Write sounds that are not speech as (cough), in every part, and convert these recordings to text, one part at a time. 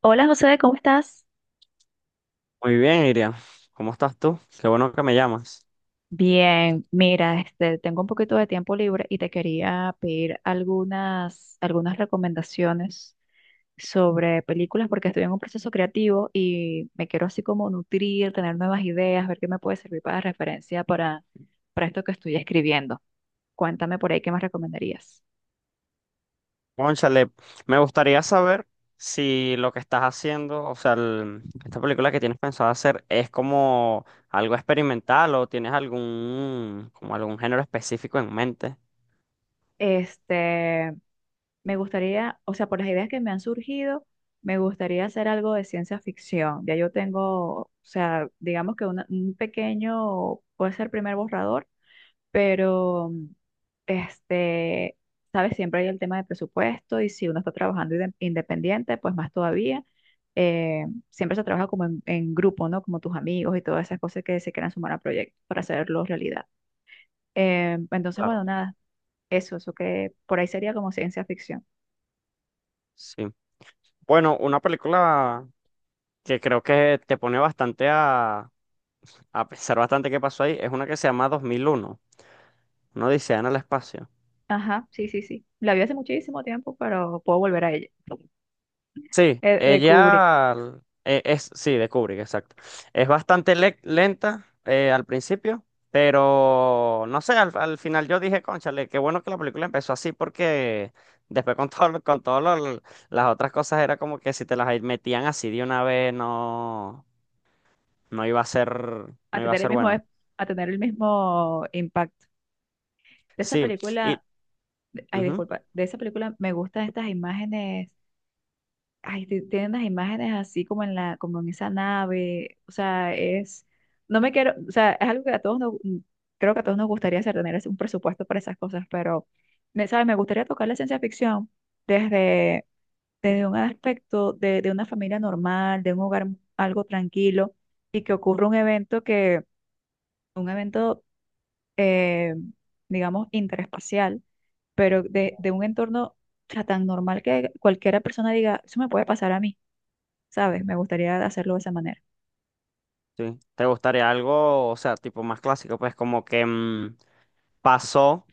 Hola José, ¿cómo estás? Muy bien, Iria. ¿Cómo estás tú? Qué bueno que me llamas. Bien, mira, este, tengo un poquito de tiempo libre y te quería pedir algunas recomendaciones sobre películas porque estoy en un proceso creativo y me quiero así como nutrir, tener nuevas ideas, ver qué me puede servir para referencia para esto que estoy escribiendo. Cuéntame por ahí qué más recomendarías. Cónchale, me gustaría saber si lo que estás haciendo, o sea, esta película que tienes pensado hacer es como algo experimental o tienes algún, como algún género específico en mente. Este, Me gustaría, o sea, por las ideas que me han surgido, me gustaría hacer algo de ciencia ficción. Ya yo tengo, o sea, digamos que un pequeño, puede ser primer borrador, pero este, sabes, siempre hay el tema de presupuesto y si uno está trabajando independiente, pues más todavía. Eh, Siempre se trabaja como en grupo, ¿no? Como tus amigos y todas esas cosas que se quieran sumar a proyectos para hacerlo realidad. Entonces, Claro. bueno, nada, eso que por ahí sería como ciencia ficción. Sí. Bueno, una película que creo que te pone a pensar bastante qué pasó ahí es una que se llama 2001, una odisea en el espacio. Ajá, sí, sí, sí. La vi hace muchísimo tiempo, pero puedo volver a ella. Sí, De Kubrick, ella es, sí, de Kubrick, exacto. Es bastante lenta al principio, pero no sé, al final yo dije, cónchale, qué bueno que la película empezó así porque después con todo, con todas las otras cosas era como que si te las metían así de una vez, no, no iba a ser, a no iba a tener el ser mismo, bueno. a tener el mismo impacto. De esa Sí, y película, ay, ujú. disculpa, de esa película me gustan estas imágenes, ay, tienen las imágenes así como en como en esa nave, o sea, es, no me quiero, o sea, es algo que a todos nos, creo que a todos nos gustaría hacer, tener un presupuesto para esas cosas, pero, me, ¿sabes? Me gustaría tocar la ciencia ficción desde un aspecto de una familia normal, de un hogar algo tranquilo, y que ocurra un evento que, un evento, eh, digamos, interespacial, pero de un entorno o sea, tan normal que cualquiera persona diga, eso me puede pasar a mí, ¿sabes? Me gustaría hacerlo de esa manera. Sí. ¿Te gustaría algo, o sea, tipo más clásico? Pues como que pasó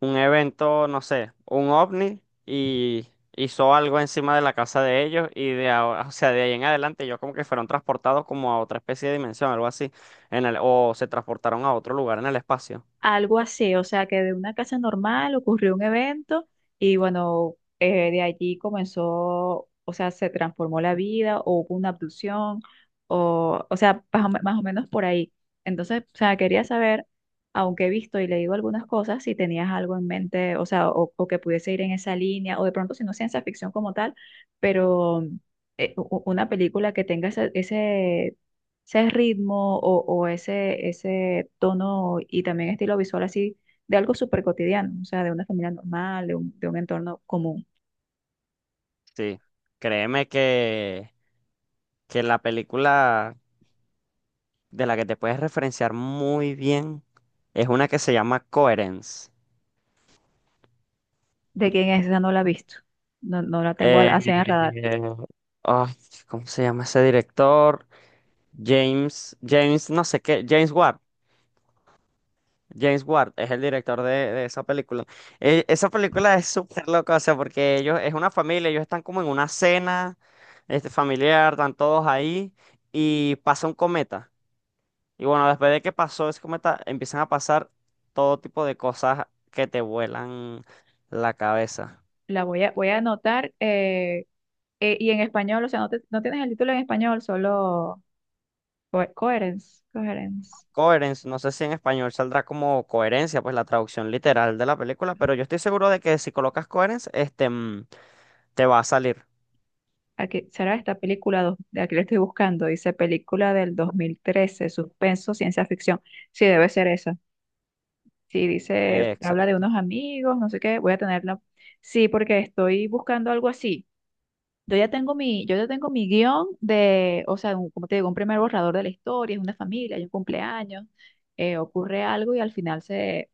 un evento, no sé, un ovni, y hizo algo encima de la casa de ellos y de, o sea, de ahí en adelante ellos como que fueron transportados como a otra especie de dimensión, algo así, en el, o se transportaron a otro lugar en el espacio. Algo así, o sea que de una casa normal ocurrió un evento y bueno, de allí comenzó, o sea, se transformó la vida o hubo una abducción o sea, más o, más o menos por ahí. Entonces, o sea, quería saber, aunque he visto y leído algunas cosas, si tenías algo en mente, o sea, o que pudiese ir en esa línea, o de pronto si no es ciencia ficción como tal, pero una película que tenga ese ritmo o ese tono y también estilo visual así de algo súper cotidiano, o sea, de una familia normal, de de un entorno común. Sí, créeme que la película de la que te puedes referenciar muy bien es una que se llama Coherence. ¿De quién es esa? No la he visto, no la tengo Eh, así en el radar. ay, ¿Cómo se llama ese director? James, no sé qué, James Ward. James Ward es el director de esa película. Esa película es súper loca, o sea, porque ellos, es una familia, ellos están como en una cena, este, familiar, están todos ahí y pasa un cometa. Y bueno, después de que pasó ese cometa, empiezan a pasar todo tipo de cosas que te vuelan la cabeza. La voy voy a anotar y en español, o sea, no, no tienes el título en español, solo Coherence, Coherence. Coherence, no sé si en español saldrá como coherencia, pues la traducción literal de la película, pero yo estoy seguro de que si colocas coherence, este, te va a salir. Aquí, será esta película, de aquí la estoy buscando, dice película del 2013, suspenso, ciencia ficción. Sí, debe ser esa. Sí, dice, habla de Exacto. unos amigos, no sé qué, voy a tenerla. Sí, porque estoy buscando algo así. Yo ya tengo mi guión de, o sea, como te digo, un primer borrador de la historia, es una familia, hay un cumpleaños, ocurre algo y al final se,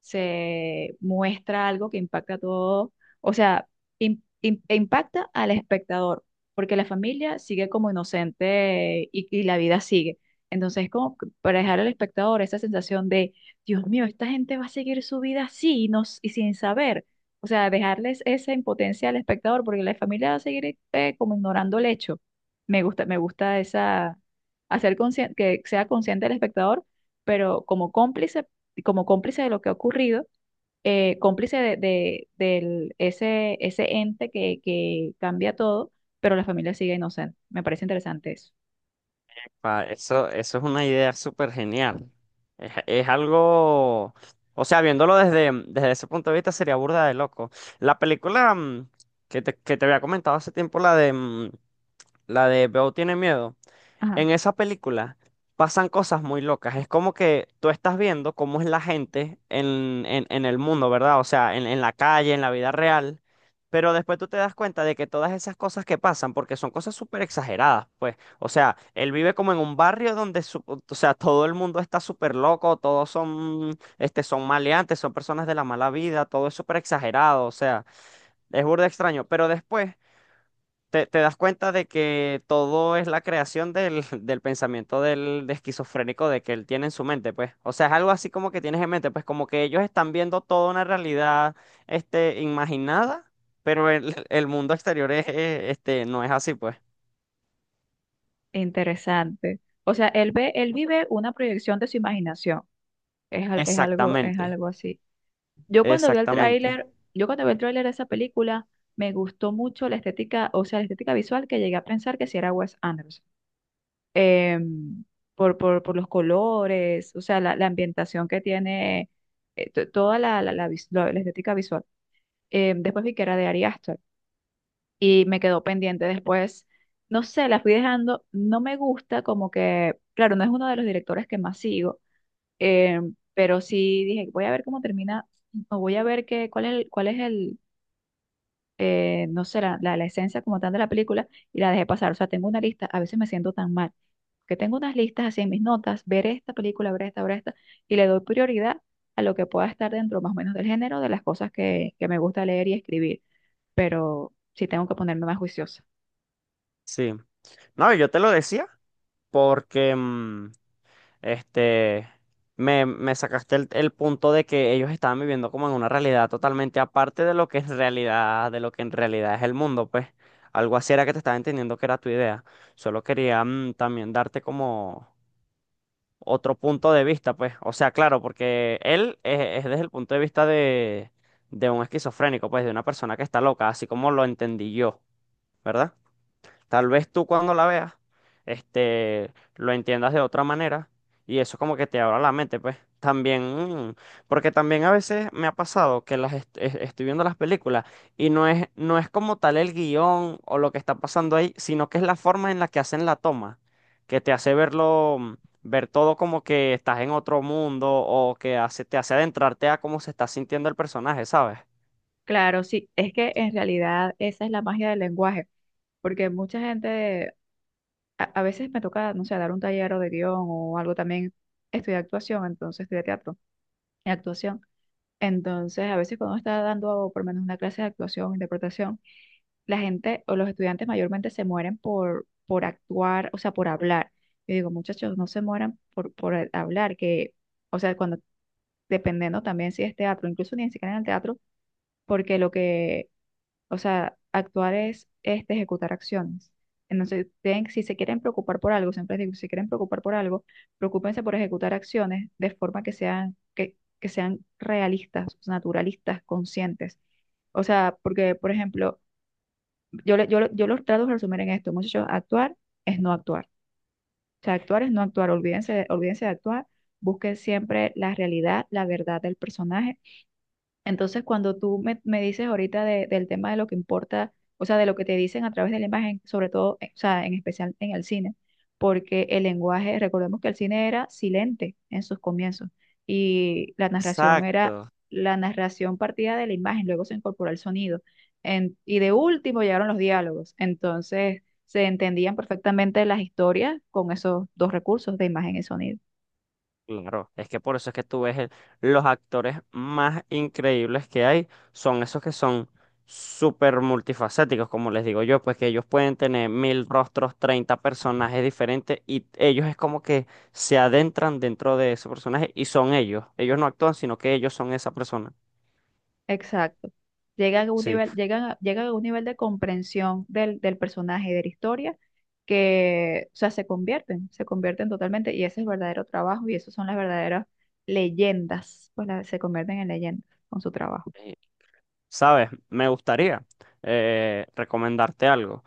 se muestra algo que impacta a todo, o sea, e impacta al espectador, porque la familia sigue como inocente y la vida sigue. Entonces, como que para dejar al espectador esa sensación de, Dios mío, esta gente va a seguir su vida así no, y sin saber. O sea, dejarles esa impotencia al espectador, porque la familia va a seguir como ignorando el hecho. Me gusta esa, que sea consciente el espectador pero como cómplice de lo que ha ocurrido, cómplice de, ese, ese ente que cambia todo, pero la familia sigue inocente. Me parece interesante eso. Eso, eso es una idea súper genial. Es algo, o sea, viéndolo desde, desde ese punto de vista sería burda de loco. La película que te había comentado hace tiempo, la de, la de Beo tiene miedo. Ajá, En esa película pasan cosas muy locas. Es como que tú estás viendo cómo es la gente en el mundo, ¿verdad? O sea, en la calle, en la vida real. Pero después tú te das cuenta de que todas esas cosas que pasan, porque son cosas súper exageradas, pues. O sea, él vive como en un barrio donde, o sea, todo el mundo está súper loco, todos son, este, son maleantes, son personas de la mala vida, todo es súper exagerado, o sea, es burda extraño. Pero después te das cuenta de que todo es la creación del, (laughs) del pensamiento del de esquizofrénico de que él tiene en su mente, pues. O sea, es algo así como que tienes en mente, pues como que ellos están viendo toda una realidad, este, imaginada, pero el, (laughs) el mundo exterior es, este, no es así, pues. interesante. O sea, él ve, él vive una proyección de su imaginación. Es Exactamente, algo así. Yo cuando vi el exactamente, tráiler, yo cuando vi el tráiler de esa película, me gustó mucho la estética, o sea, la estética visual que llegué a pensar que si era Wes Anderson. em, por los colores, o sea, la ambientación que tiene, toda la la estética visual. Después vi que era de Ari Aster y me quedó pendiente después. No sé, la fui dejando, no me gusta como que, claro, no es uno de los directores que más sigo, pero sí dije, voy a ver cómo termina, o voy a ver qué, cuál es el, no sé, la esencia como tal de la película y la dejé pasar. O sea, tengo una lista, a veces me siento tan mal, que tengo unas listas así en mis notas, ver esta película, ver esta, y le doy prioridad a lo que pueda estar dentro más o menos del género de las cosas que me gusta leer y escribir, pero sí tengo que ponerme más juiciosa. sí. No, yo te lo decía porque, Este, me sacaste el punto de que ellos estaban viviendo como en una realidad totalmente aparte de lo que en realidad, de lo que en realidad es el mundo, pues. Algo así era que te estaba entendiendo que era tu idea. Solo quería también darte como otro punto de vista, pues. O sea, claro, porque él es desde el punto de vista de un esquizofrénico, pues, de una persona que está loca, así como lo entendí yo, ¿verdad? Tal vez tú cuando la veas, este, lo entiendas de otra manera y eso como que te abra la mente, pues. También, mm, porque también a veces me ha pasado que estoy viendo las películas y no es, no es como tal el guión o lo que está pasando ahí, sino que es la forma en la que hacen la toma, que te hace verlo, ver todo como que estás en otro mundo o que hace, te hace adentrarte a cómo se está sintiendo el personaje, ¿sabes? Claro, sí, es que en realidad esa es la magia del lenguaje, porque mucha gente, a veces me toca, no sé, dar un taller o de guión o algo también, estudiar actuación, entonces estudiar teatro y actuación. Entonces, a veces cuando uno está dando por lo menos una clase de actuación, interpretación, la gente o los estudiantes mayormente se mueren por actuar, o sea, por hablar. Yo digo, muchachos, no se mueran por el hablar, que, o sea, cuando, dependiendo también si es teatro, incluso ni siquiera en el teatro, porque lo que o sea, actuar es este, ejecutar acciones. Entonces, si se quieren preocupar por algo, siempre les digo, si se quieren preocupar por algo, preocúpense por ejecutar acciones de forma que sean, que sean realistas, naturalistas, conscientes. O sea, porque, por ejemplo, yo los trato de resumir en esto, muchachos, actuar es no actuar. O sea, actuar es no actuar, olvídense olvídense de actuar, busquen siempre la realidad, la verdad del personaje entonces, cuando tú me dices ahorita del tema de lo que importa, o sea, de lo que te dicen a través de la imagen, sobre todo, o sea, en especial en el cine, porque el lenguaje, recordemos que el cine era silente en sus comienzos y la narración era Exacto. la narración partida de la imagen, luego se incorporó el sonido y de último llegaron los diálogos. Entonces, se entendían perfectamente las historias con esos dos recursos de imagen y sonido. Claro, es que por eso es que tú ves los actores más increíbles que hay son esos que son súper multifacéticos, como les digo yo, pues que ellos pueden tener mil rostros, 30 personajes diferentes y ellos es como que se adentran dentro de ese personaje y son ellos. Ellos no actúan, sino que ellos son esa persona. Exacto. Llegan a un Sí. nivel, llegan a un nivel de comprensión del personaje, y de la historia, que, o sea, se convierten totalmente, y ese es el verdadero trabajo, y esas son las verdaderas leyendas, pues se convierten en leyendas con su trabajo. Eh, ¿Sabes? Me gustaría recomendarte algo.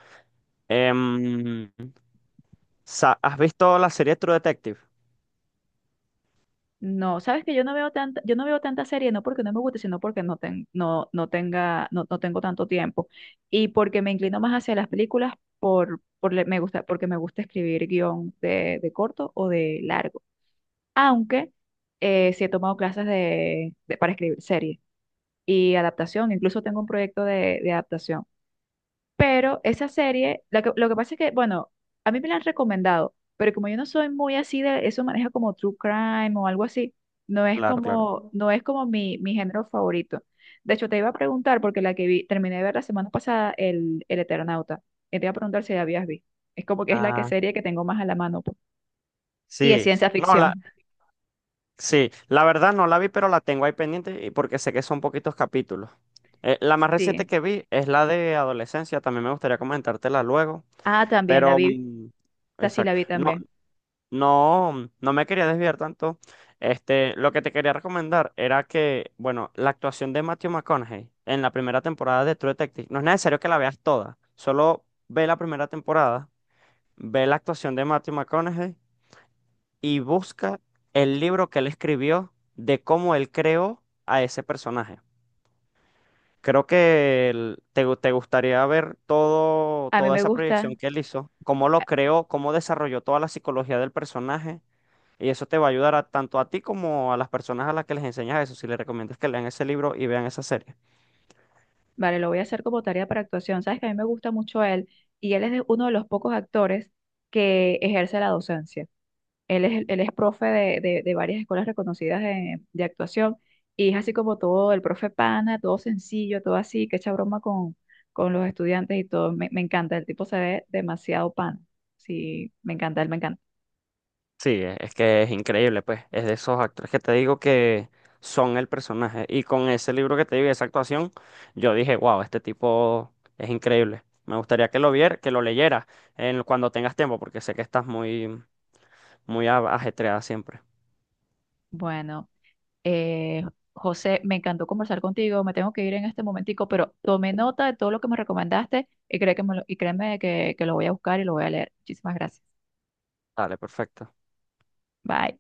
Em, ¿Has visto la serie True Detective? No, sabes que yo no veo tanta serie, no porque no me guste, sino porque no, no tenga, no tengo tanto tiempo. Y porque me inclino más hacia las películas me gusta, porque me gusta escribir guión de corto o de largo. Aunque sí he tomado clases para escribir series y adaptación, incluso tengo un proyecto de adaptación. Pero esa serie, lo que pasa es que, bueno, a mí me la han recomendado, pero como yo no soy muy así de eso, maneja como true crime o algo así, Claro, claro. No es como mi género favorito. De hecho, te iba a preguntar, porque la que vi, terminé de ver la semana pasada, el Eternauta, y te iba a preguntar si la habías visto. Es como que es la que Ah, serie que tengo más a la mano, pues. Y es sí. ciencia No, la, ficción. sí, la verdad no la vi, pero la tengo ahí pendiente y porque sé que son poquitos capítulos. La más reciente Sí. que vi es la de adolescencia, también me gustaría comentártela luego, Ah, también la pero vi. Sea, sí la exacto. vi No, también. no, no me quería desviar tanto. Este, lo que te quería recomendar era que, bueno, la actuación de Matthew McConaughey en la primera temporada de True Detective, no es necesario que la veas toda, solo ve la primera temporada, ve la actuación de Matthew McConaughey y busca el libro que él escribió de cómo él creó a ese personaje. Creo que te gustaría ver todo, A mí toda me esa gusta, proyección que él hizo, cómo lo a- creó, cómo desarrolló toda la psicología del personaje. Y eso te va a ayudar tanto a ti como a las personas a las que les enseñas eso, si les recomiendas que lean ese libro y vean esa serie. vale, lo voy a hacer como tarea para actuación. Sabes que a mí me gusta mucho él y él es uno de los pocos actores que ejerce la docencia. Él es profe de, de varias escuelas reconocidas de actuación y es así como todo el profe pana, todo sencillo, todo así, que echa broma con los estudiantes y todo. Me encanta, el tipo se ve demasiado pana. Sí, me encanta, él me encanta. Sí, es que es increíble, pues. Es de esos actores que te digo que son el personaje. Y con ese libro que te digo, y esa actuación, yo dije, wow, este tipo es increíble. Me gustaría que que lo leyeras en, cuando tengas tiempo, porque sé que estás muy, ajetreada siempre. Bueno. Eh, José, me encantó conversar contigo, me tengo que ir en este momentico, pero tomé nota de todo lo que me recomendaste cree que me lo- y créeme que lo voy a buscar y lo voy a leer. Muchísimas gracias. Dale, perfecto. Bye.